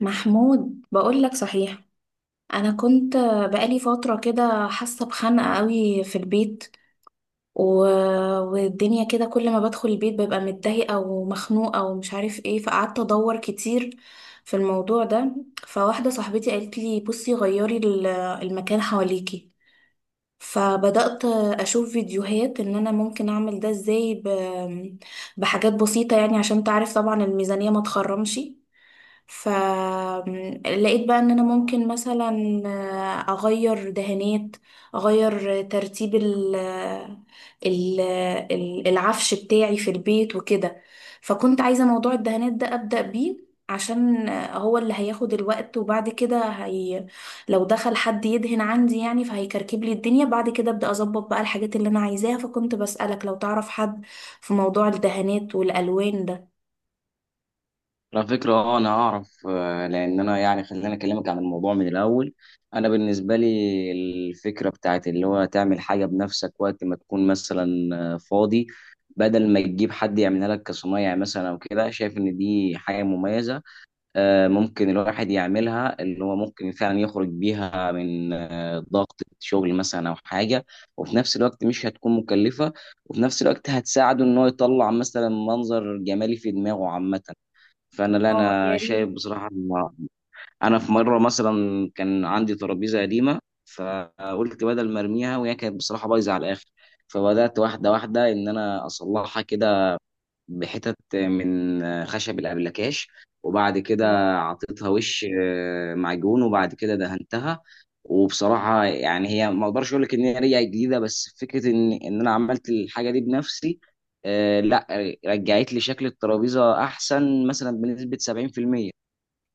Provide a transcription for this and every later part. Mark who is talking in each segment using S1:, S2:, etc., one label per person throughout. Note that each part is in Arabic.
S1: محمود، بقول لك صحيح. انا كنت بقالي فتره كده حاسه بخنقه قوي في البيت و... والدنيا كده، كل ما بدخل البيت ببقى متضايقه ومخنوقه ومش عارف ايه. فقعدت ادور كتير في الموضوع ده. فواحده صاحبتي قالت لي: بصي، غيري المكان حواليكي. فبدأت أشوف فيديوهات إن أنا ممكن أعمل ده إزاي بحاجات بسيطة، يعني عشان تعرف طبعا الميزانية ما تخرمش. فلقيت بقى ان انا ممكن مثلا، اغير دهانات، اغير ترتيب ال العفش بتاعي في البيت وكده. فكنت عايزة موضوع الدهانات ده ابدأ بيه، عشان هو اللي هياخد الوقت، وبعد كده هي لو دخل حد يدهن عندي يعني فهيكركب لي الدنيا، بعد كده ابدأ اظبط بقى الحاجات اللي انا عايزاها. فكنت بسألك لو تعرف حد في موضوع الدهانات والالوان ده.
S2: على فكرة، أنا أعرف. لأن أنا يعني خليني أكلمك عن الموضوع من الأول. أنا بالنسبة لي الفكرة بتاعت اللي هو تعمل حاجة بنفسك وقت ما تكون مثلا فاضي، بدل ما تجيب حد يعملها لك كصنايع مثلا أو كده، شايف إن دي حاجة مميزة. ممكن الواحد يعملها، اللي هو ممكن فعلا يخرج بيها من ضغط شغل مثلا أو حاجة، وفي نفس الوقت مش هتكون مكلفة، وفي نفس الوقت هتساعده إن هو يطلع مثلا منظر جمالي في دماغه عامة. فانا، لا،
S1: اه يا
S2: انا
S1: ريت.
S2: شايف بصراحه إن انا في مره مثلا كان عندي ترابيزه قديمه، فقلت بدل ما ارميها، وهي كانت بصراحه بايظه على الاخر، فبدات واحده واحده ان انا اصلحها كده. بحتت من خشب الأبلكاش، وبعد كده عطيتها وش معجون، وبعد كده دهنتها. وبصراحة يعني هي ما اقدرش اقول لك ان هي رجعت جديدة، بس فكرة ان انا عملت الحاجة دي بنفسي، لا، رجعت لي شكل الترابيزة احسن مثلا بنسبة 70%.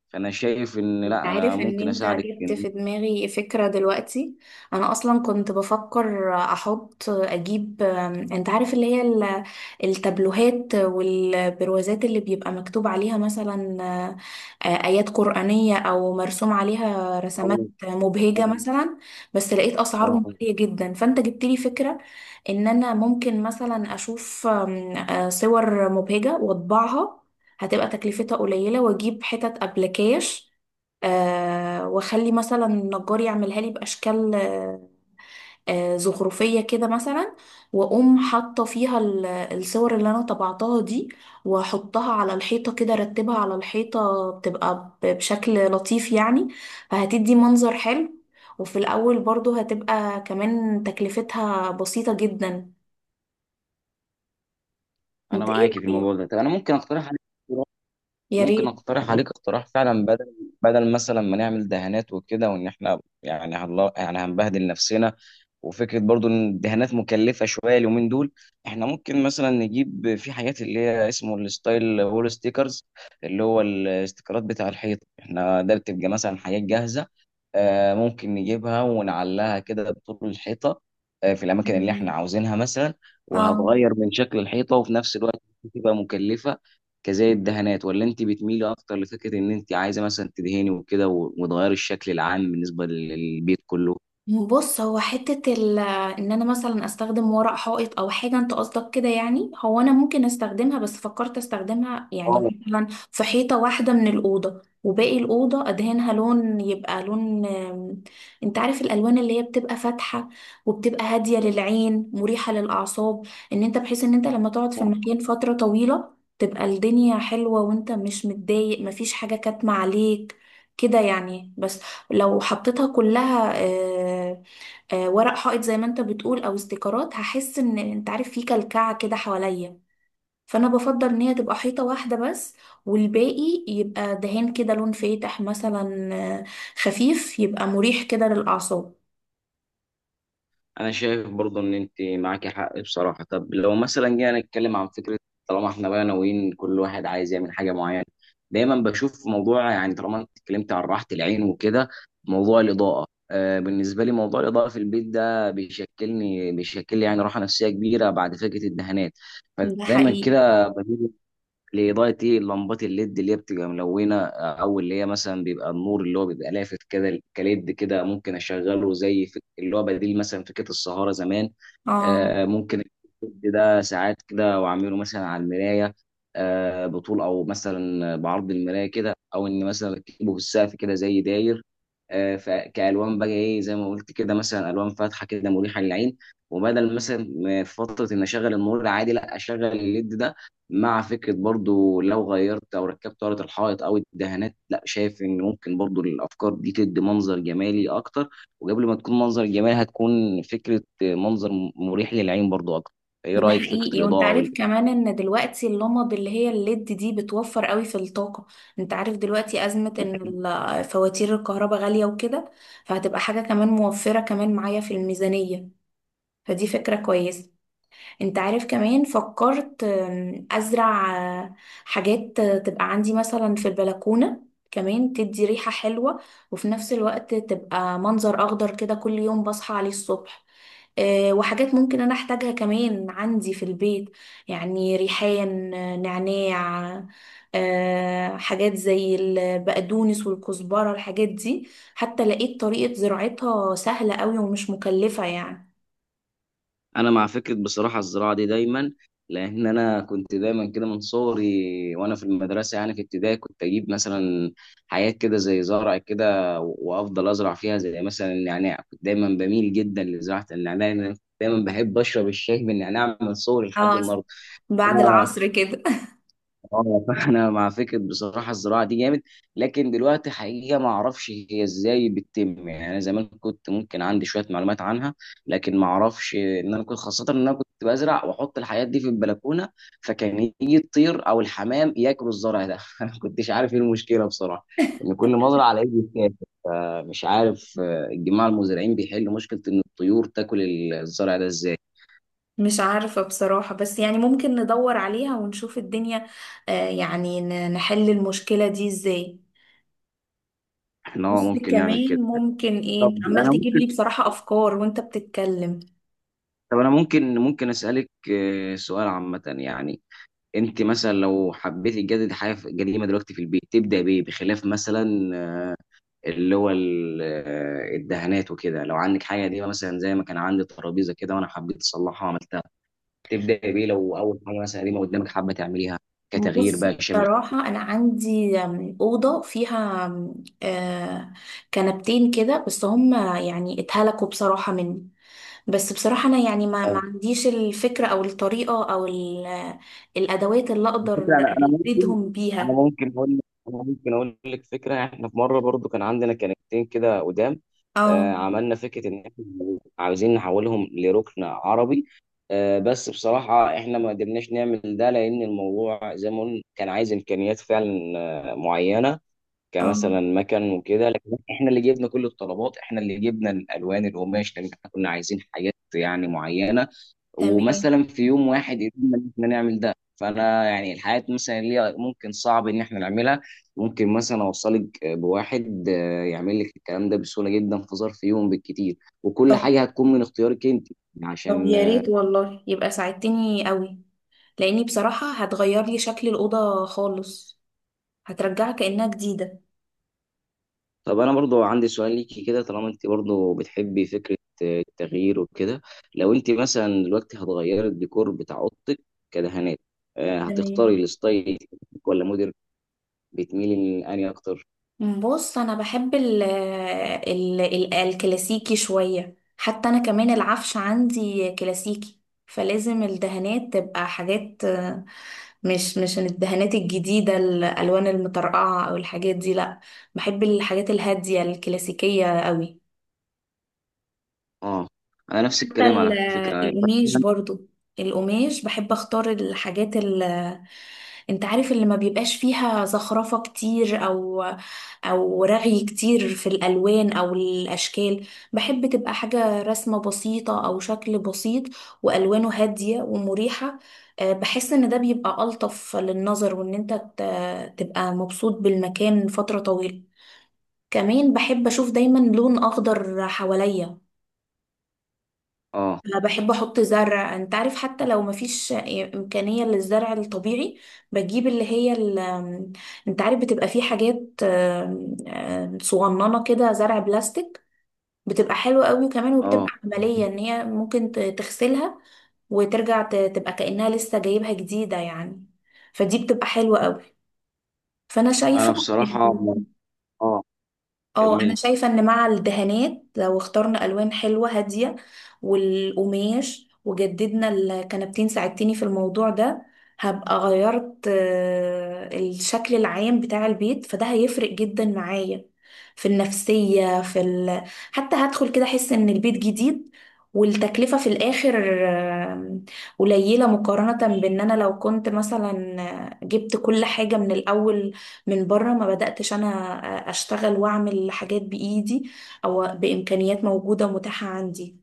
S2: فانا شايف ان،
S1: انت
S2: لا،
S1: عارف
S2: انا
S1: ان
S2: ممكن
S1: انت
S2: اساعدك
S1: جبت في دماغي فكرة دلوقتي. انا اصلا كنت بفكر احط اجيب، انت عارف اللي هي التابلوهات والبروازات اللي بيبقى مكتوب عليها مثلا ايات قرآنية او مرسوم عليها رسمات
S2: آه.
S1: مبهجة
S2: آه.
S1: مثلا. بس لقيت اسعارهم
S2: آه.
S1: غالية جدا. فانت جبت لي فكرة ان انا ممكن مثلا اشوف آم، آه، صور مبهجة واطبعها. هتبقى تكلفتها قليلة، واجيب حتت ابلكاش، واخلي مثلا النجار يعملها لي باشكال زخرفيه كده مثلا. واقوم حاطه فيها الصور اللي انا طبعتها دي، واحطها على الحيطه كده، ارتبها على الحيطه بتبقى بشكل لطيف يعني. فهتدي منظر حلو. وفي الاول برضو هتبقى كمان تكلفتها بسيطه جدا.
S2: انا
S1: انت ايه
S2: معاكي في
S1: رايك؟
S2: الموضوع ده. طب انا ممكن اقترح عليك،
S1: يا ريت.
S2: اقتراح فعلا، بدل مثلا ما نعمل دهانات وكده، وان احنا يعني يعني هنبهدل نفسنا، وفكره برضو ان الدهانات مكلفه شويه اليومين دول. احنا ممكن مثلا نجيب في حاجات اللي هي اسمه الستايل وول ستيكرز، اللي هو الاستيكرات بتاع الحيط احنا، ده بتبقى مثلا حاجات جاهزه، ممكن نجيبها ونعلقها كده بطول الحيطة، في الأماكن اللي احنا
S1: تمام.
S2: عاوزينها مثلا،
S1: اه.
S2: وهتغير من شكل الحيطة، وفي نفس الوقت تبقى مكلفة كزي الدهانات، ولا انت بتميلي أكتر لفكرة إن انت عايزة مثلا تدهني وكده و- وتغيري الشكل العام بالنسبة للبيت كله؟
S1: بص، هو حتة ال ان انا مثلا استخدم ورق حائط او حاجة، انت قصدك كده يعني؟ هو انا ممكن استخدمها، بس فكرت استخدمها يعني
S2: اه،
S1: مثلا في حيطة واحدة من الأوضة، وباقي الأوضة ادهنها لون. يبقى لون انت عارف الألوان اللي هي بتبقى فاتحة، وبتبقى هادية للعين، مريحة للأعصاب. ان انت بحيث ان انت لما تقعد في المكان فترة طويلة تبقى الدنيا حلوة، وانت مش متضايق، مفيش حاجة كاتمة عليك كده يعني. بس لو حطيتها كلها ورق حائط زي ما انت بتقول او استيكرات، هحس ان انت عارف في كلكعة كده حواليا. فانا بفضل ان هي تبقى حيطة واحدة بس، والباقي يبقى دهان كده لون فاتح مثلا، آه، خفيف، يبقى مريح كده للأعصاب.
S2: انا شايف برضو ان انت معاكي حق بصراحه. طب لو مثلا جينا نتكلم عن فكره، طالما احنا بقى ناويين كل واحد عايز يعمل حاجه معينه، دايما بشوف موضوع، يعني طالما انت اتكلمت عن راحه العين وكده، موضوع الاضاءه. بالنسبه لي موضوع الاضاءه في البيت ده بيشكل لي يعني راحه نفسيه كبيره بعد فكره الدهانات.
S1: ده
S2: فدايما
S1: حقيقي.
S2: كده بميل لإضاءة لمبات الليد اللي هي بتبقى ملونة، أو اللي هي مثلا بيبقى النور اللي هو بيبقى لافت كده، كليد كده، ممكن أشغله اللي هو بديل مثلا فكرة السهارة زمان.
S1: اه.
S2: ممكن الليد ده ساعات كده، وأعمله مثلا على المراية، بطول أو مثلا بعرض المراية كده، أو إن مثلا أكتبه في السقف كده زي داير. فكألوان بقى، زي ما قلت كده، مثلا ألوان فاتحة كده مريحة للعين. وبدل مثلا ما في فترة إن أشغل النور العادي، لا أشغل الليد ده، مع فكرة برضو لو غيرت أو ركبت ورقة الحائط أو الدهانات. لا، شايف إن ممكن برضو الأفكار دي تدي منظر جمالي أكتر، وقبل ما تكون منظر جمالي هتكون فكرة منظر مريح للعين برضو أكتر. إيه
S1: ده
S2: رأيك في فكرة
S1: حقيقي. وانت
S2: الإضاءة؟
S1: عارف كمان ان دلوقتي اللمض اللي هي الليد دي بتوفر قوي في الطاقة. انت عارف دلوقتي ازمة ان
S2: والإنتاج.
S1: فواتير الكهرباء غالية وكده، فهتبقى حاجة كمان موفرة كمان معايا في الميزانية. فدي فكرة كويسة. انت عارف كمان فكرت ازرع آه، حاجات تبقى عندي مثلا في البلكونة، كمان تدي ريحة حلوة، وفي نفس الوقت تبقى منظر اخضر كده كل يوم بصحى عليه الصبح. وحاجات ممكن انا احتاجها كمان عندي في البيت، يعني ريحان، نعناع، حاجات زي البقدونس والكزبرة الحاجات دي. حتى لقيت طريقة زراعتها سهلة قوي ومش مكلفة يعني.
S2: انا مع فكره بصراحه الزراعه دي دايما، لان انا كنت دايما كده من صغري، وانا في المدرسه يعني في ابتدائي كنت اجيب مثلا حاجات كده زي زرع كده، وافضل ازرع فيها زي مثلا النعناع. كنت دايما بميل جدا لزراعه النعناع، لأن انا كنت دايما بحب اشرب الشاي بالنعناع من صغري لحد
S1: اه،
S2: النهارده.
S1: بعد العصر كده.
S2: اه، فانا مع فكره بصراحه الزراعه دي جامد. لكن دلوقتي حقيقه ما اعرفش هي ازاي بتتم، يعني انا زمان كنت ممكن عندي شويه معلومات عنها، لكن ما اعرفش ان انا كنت، خاصه ان انا كنت بزرع واحط الحاجات دي في البلكونه، فكان يجي الطير او الحمام ياكلوا الزرع ده انا ما كنتش عارف ايه المشكله بصراحه، ان كل ما ازرع الاقيه بيتاكل. فمش عارف الجماعه المزارعين بيحلوا مشكله ان الطيور تاكل الزرع ده ازاي.
S1: مش عارفة بصراحة، بس يعني ممكن ندور عليها ونشوف الدنيا يعني نحل المشكلة دي ازاي.
S2: احنا
S1: بص
S2: ممكن نعمل كده.
S1: كمان، ممكن
S2: طب
S1: ايه، عمال
S2: انا
S1: تجيب
S2: ممكن
S1: لي بصراحة افكار وانت بتتكلم.
S2: طب انا ممكن ممكن اسالك سؤال عامه يعني. انت مثلا لو حبيتي تجدد حاجه قديمه دلوقتي في البيت، تبدا بايه بخلاف مثلا آه، اللي هو الدهانات وكده، لو عندك حاجه قديمه مثلا زي ما كان عندي ترابيزه كده وانا حبيت اصلحها وعملتها، تبدا بايه لو اول حاجه مثلا قديمه قدامك حابه تعمليها كتغيير
S1: بص
S2: بقى شامل؟
S1: بصراحة انا عندي أوضة فيها آم، آه، كنبتين كده، بس هم يعني اتهلكوا بصراحة مني. بس بصراحة انا يعني ما عنديش الفكرة او الطريقة او الادوات اللي
S2: الفكره،
S1: اقدر اجددهم بيها.
S2: انا ممكن اقول لك فكره، احنا في مره برضو كان عندنا كنكتين كده قدام،
S1: اه.
S2: عملنا فكره ان احنا عاوزين نحولهم لركن عربي، بس بصراحه احنا ما قدرناش نعمل ده، لان الموضوع زي ما قلنا كان عايز امكانيات فعلا معينه،
S1: اه.
S2: كمثلا مكن وكده. لكن احنا اللي جبنا كل الطلبات، احنا اللي جبنا الالوان، القماش، لان احنا كنا عايزين حاجات يعني معينه،
S1: تمام.
S2: ومثلا في يوم واحد قدرنا ان احنا نعمل ده. فانا يعني الحاجات مثلا اللي هي ممكن صعب ان احنا نعملها، ممكن مثلا اوصلك بواحد يعمل لك الكلام ده بسهوله جدا في ظرف يوم بالكتير، وكل
S1: طب
S2: حاجه هتكون من اختيارك انت،
S1: طب
S2: عشان.
S1: يا ريت والله، يبقى ساعدتني قوي، لاني بصراحة هتغير لي شكل الأوضة خالص، هترجعها كأنها جديدة.
S2: طب انا برضو عندي سؤال ليكي كده، طالما انت برضو بتحبي فكره التغيير وكده، لو انت مثلا دلوقتي هتغيري الديكور بتاع اوضتك كدهانات،
S1: تمام.
S2: هتختاري الستايل ولا موديل بتميلي لاني اكتر؟
S1: بص انا بحب ال ال ال الكلاسيكي شوية. حتى انا كمان العفش عندي كلاسيكي، فلازم الدهانات تبقى حاجات مش الدهانات الجديدة الألوان المطرقعة أو الحاجات دي، لأ. بحب الحاجات الهادية الكلاسيكية قوي.
S2: اه، انا نفس
S1: حتى
S2: الكلام على فكره.
S1: القماش برضو، القماش بحب اختار الحاجات ال انت عارف اللي ما بيبقاش فيها زخرفة كتير او او رغي كتير في الالوان او الاشكال. بحب تبقى حاجة رسمة بسيطة او شكل بسيط، والوانه هادية ومريحة. بحس ان ده بيبقى الطف للنظر، وان انت تبقى مبسوط بالمكان فترة طويلة. كمان بحب اشوف دايما لون اخضر حواليا.
S2: اه.
S1: أنا بحب احط زرع. انت عارف حتى لو مفيش امكانية للزرع الطبيعي، بجيب انت عارف بتبقى في حاجات آم، آم، صغننة كده، زرع بلاستيك. بتبقى حلوة قوي وكمان،
S2: اه.
S1: وبتبقى عملية ان هي ممكن تغسلها وترجع تبقى كأنها لسه جايبها جديدة يعني. فدي بتبقى حلوة قوي. فانا
S2: انا
S1: شايفة.
S2: بصراحه، اه،
S1: اه
S2: كمل.
S1: انا شايفه ان مع الدهانات، لو اخترنا الوان حلوه هاديه والقماش، وجددنا الكنبتين، ساعدتني في الموضوع ده. هبقى غيرت الشكل العام بتاع البيت، فده هيفرق جدا معايا في النفسيه. حتى هدخل كده احس ان البيت جديد. والتكلفه في الاخر آه، قليله، مقارنه بان انا لو كنت مثلا جبت كل حاجه من الاول من بره، ما بدأتش أنا أشتغل وأعمل حاجات بإيدي أو بإمكانيات موجودة ومتاحة عندي.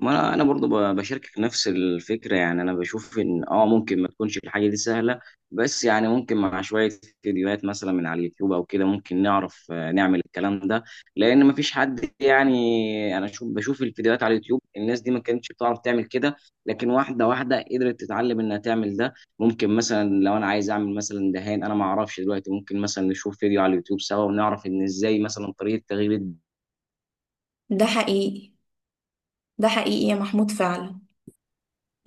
S2: ما انا برضو ب- بشاركك نفس الفكره. يعني انا بشوف ان، ممكن ما تكونش الحاجه دي سهله، بس يعني ممكن مع شويه فيديوهات مثلا من على اليوتيوب او كده ممكن نعرف نعمل الكلام ده. لان ما فيش حد، يعني انا شوف بشوف الفيديوهات على اليوتيوب، الناس دي ما كانتش بتعرف تعمل كده، لكن واحده واحده قدرت تتعلم انها تعمل ده. ممكن مثلا لو انا عايز اعمل مثلا دهان انا ما اعرفش دلوقتي، ممكن مثلا نشوف فيديو على اليوتيوب سوا ونعرف ان ازاي مثلا طريقه تغيير
S1: ده حقيقي. ده حقيقي يا محمود فعلا.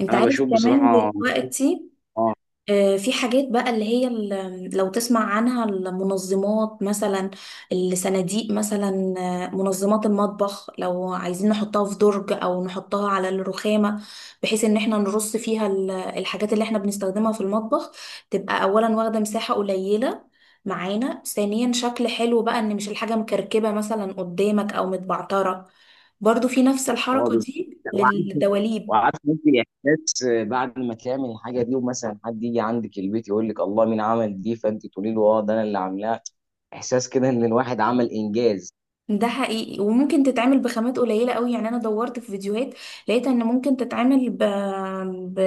S1: أنت
S2: انا
S1: عارف
S2: بشوف
S1: كمان
S2: بصراحه.
S1: دلوقتي
S2: اه.
S1: في حاجات بقى اللي هي ال لو تسمع عنها المنظمات مثلا، الصناديق مثلا، منظمات المطبخ. لو عايزين نحطها في درج او نحطها على الرخامة، بحيث ان احنا نرص فيها الحاجات اللي احنا بنستخدمها في المطبخ، تبقى اولا واخدة مساحة قليلة معانا، ثانيا شكل حلو بقى، ان مش الحاجة مكركبة مثلا قدامك او متبعترة. برضو في نفس
S2: اه،
S1: الحركة
S2: بالظبط.
S1: دي للدواليب.
S2: وعارف ممكن احساس بعد ما تعمل الحاجه دي، ومثلا حد يجي عندك البيت يقول لك الله مين عمل دي، فانت تقولي له اه ده انا اللي عاملاها. احساس كده ان الواحد عمل انجاز.
S1: ده حقيقي، وممكن تتعمل بخامات قليلة قوي. يعني انا دورت في فيديوهات، لقيت ان ممكن تتعمل ب...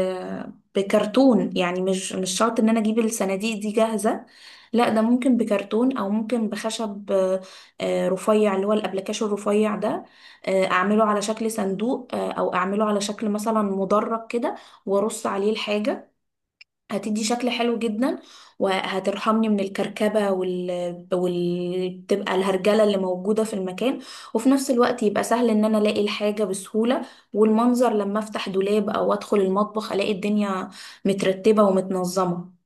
S1: بكرتون. يعني مش شرط ان انا اجيب الصناديق دي جاهزة، لا، ده ممكن بكرتون او ممكن بخشب رفيع، اللي هو الابلكاش الرفيع ده. اعمله على شكل صندوق، او اعمله على شكل مثلا مدرج كده وارص عليه الحاجة. هتدي شكل حلو جدا. وهترحمني من الكركبة. تبقى الهرجلة اللي موجودة في المكان. وفي نفس الوقت يبقى سهل ان انا الاقي الحاجة بسهولة، والمنظر لما افتح دولاب او ادخل المطبخ الاقي الدنيا مترتبة ومتنظمة.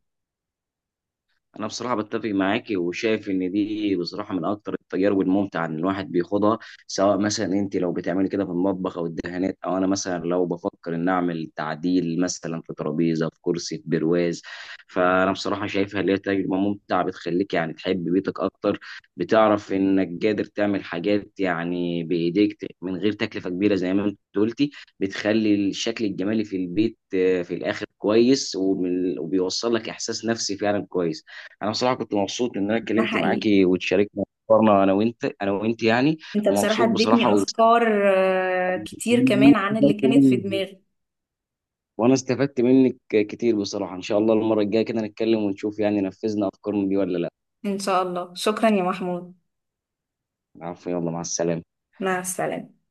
S2: انا بصراحه بتفق معاكي، وشايف ان دي بصراحه من اكتر التجارب الممتعه ان الواحد بيخوضها، سواء مثلا انت لو بتعملي كده في المطبخ او الدهانات، او انا مثلا لو بفكر ان اعمل تعديل مثلا في ترابيزه، في كرسي، في برواز. فانا بصراحه شايفها اللي هي تجربه ممتعه، بتخليك يعني تحب بيتك اكتر، بتعرف انك قادر تعمل حاجات يعني بايديك من غير تكلفه كبيره زي ما انت قلتي، بتخلي الشكل الجمالي في البيت في الاخر كويس، وبال- وبيوصل لك احساس نفسي فعلا كويس. انا بصراحه كنت مبسوط ان انا
S1: ده
S2: اتكلمت
S1: حقيقي.
S2: معاكي وتشاركنا افكارنا، انا وانت، يعني
S1: انت بصراحة
S2: ومبسوط بصراحه،
S1: اديتني
S2: واستفدت
S1: افكار كتير كمان عن اللي كانت في
S2: منك
S1: دماغي.
S2: وانا استفدت منك كتير بصراحه. ان شاء الله المره الجايه كده نتكلم ونشوف يعني نفذنا افكارنا دي ولا لا.
S1: ان شاء الله. شكرا يا محمود.
S2: عفوا، يلا مع السلامه.
S1: مع السلامة.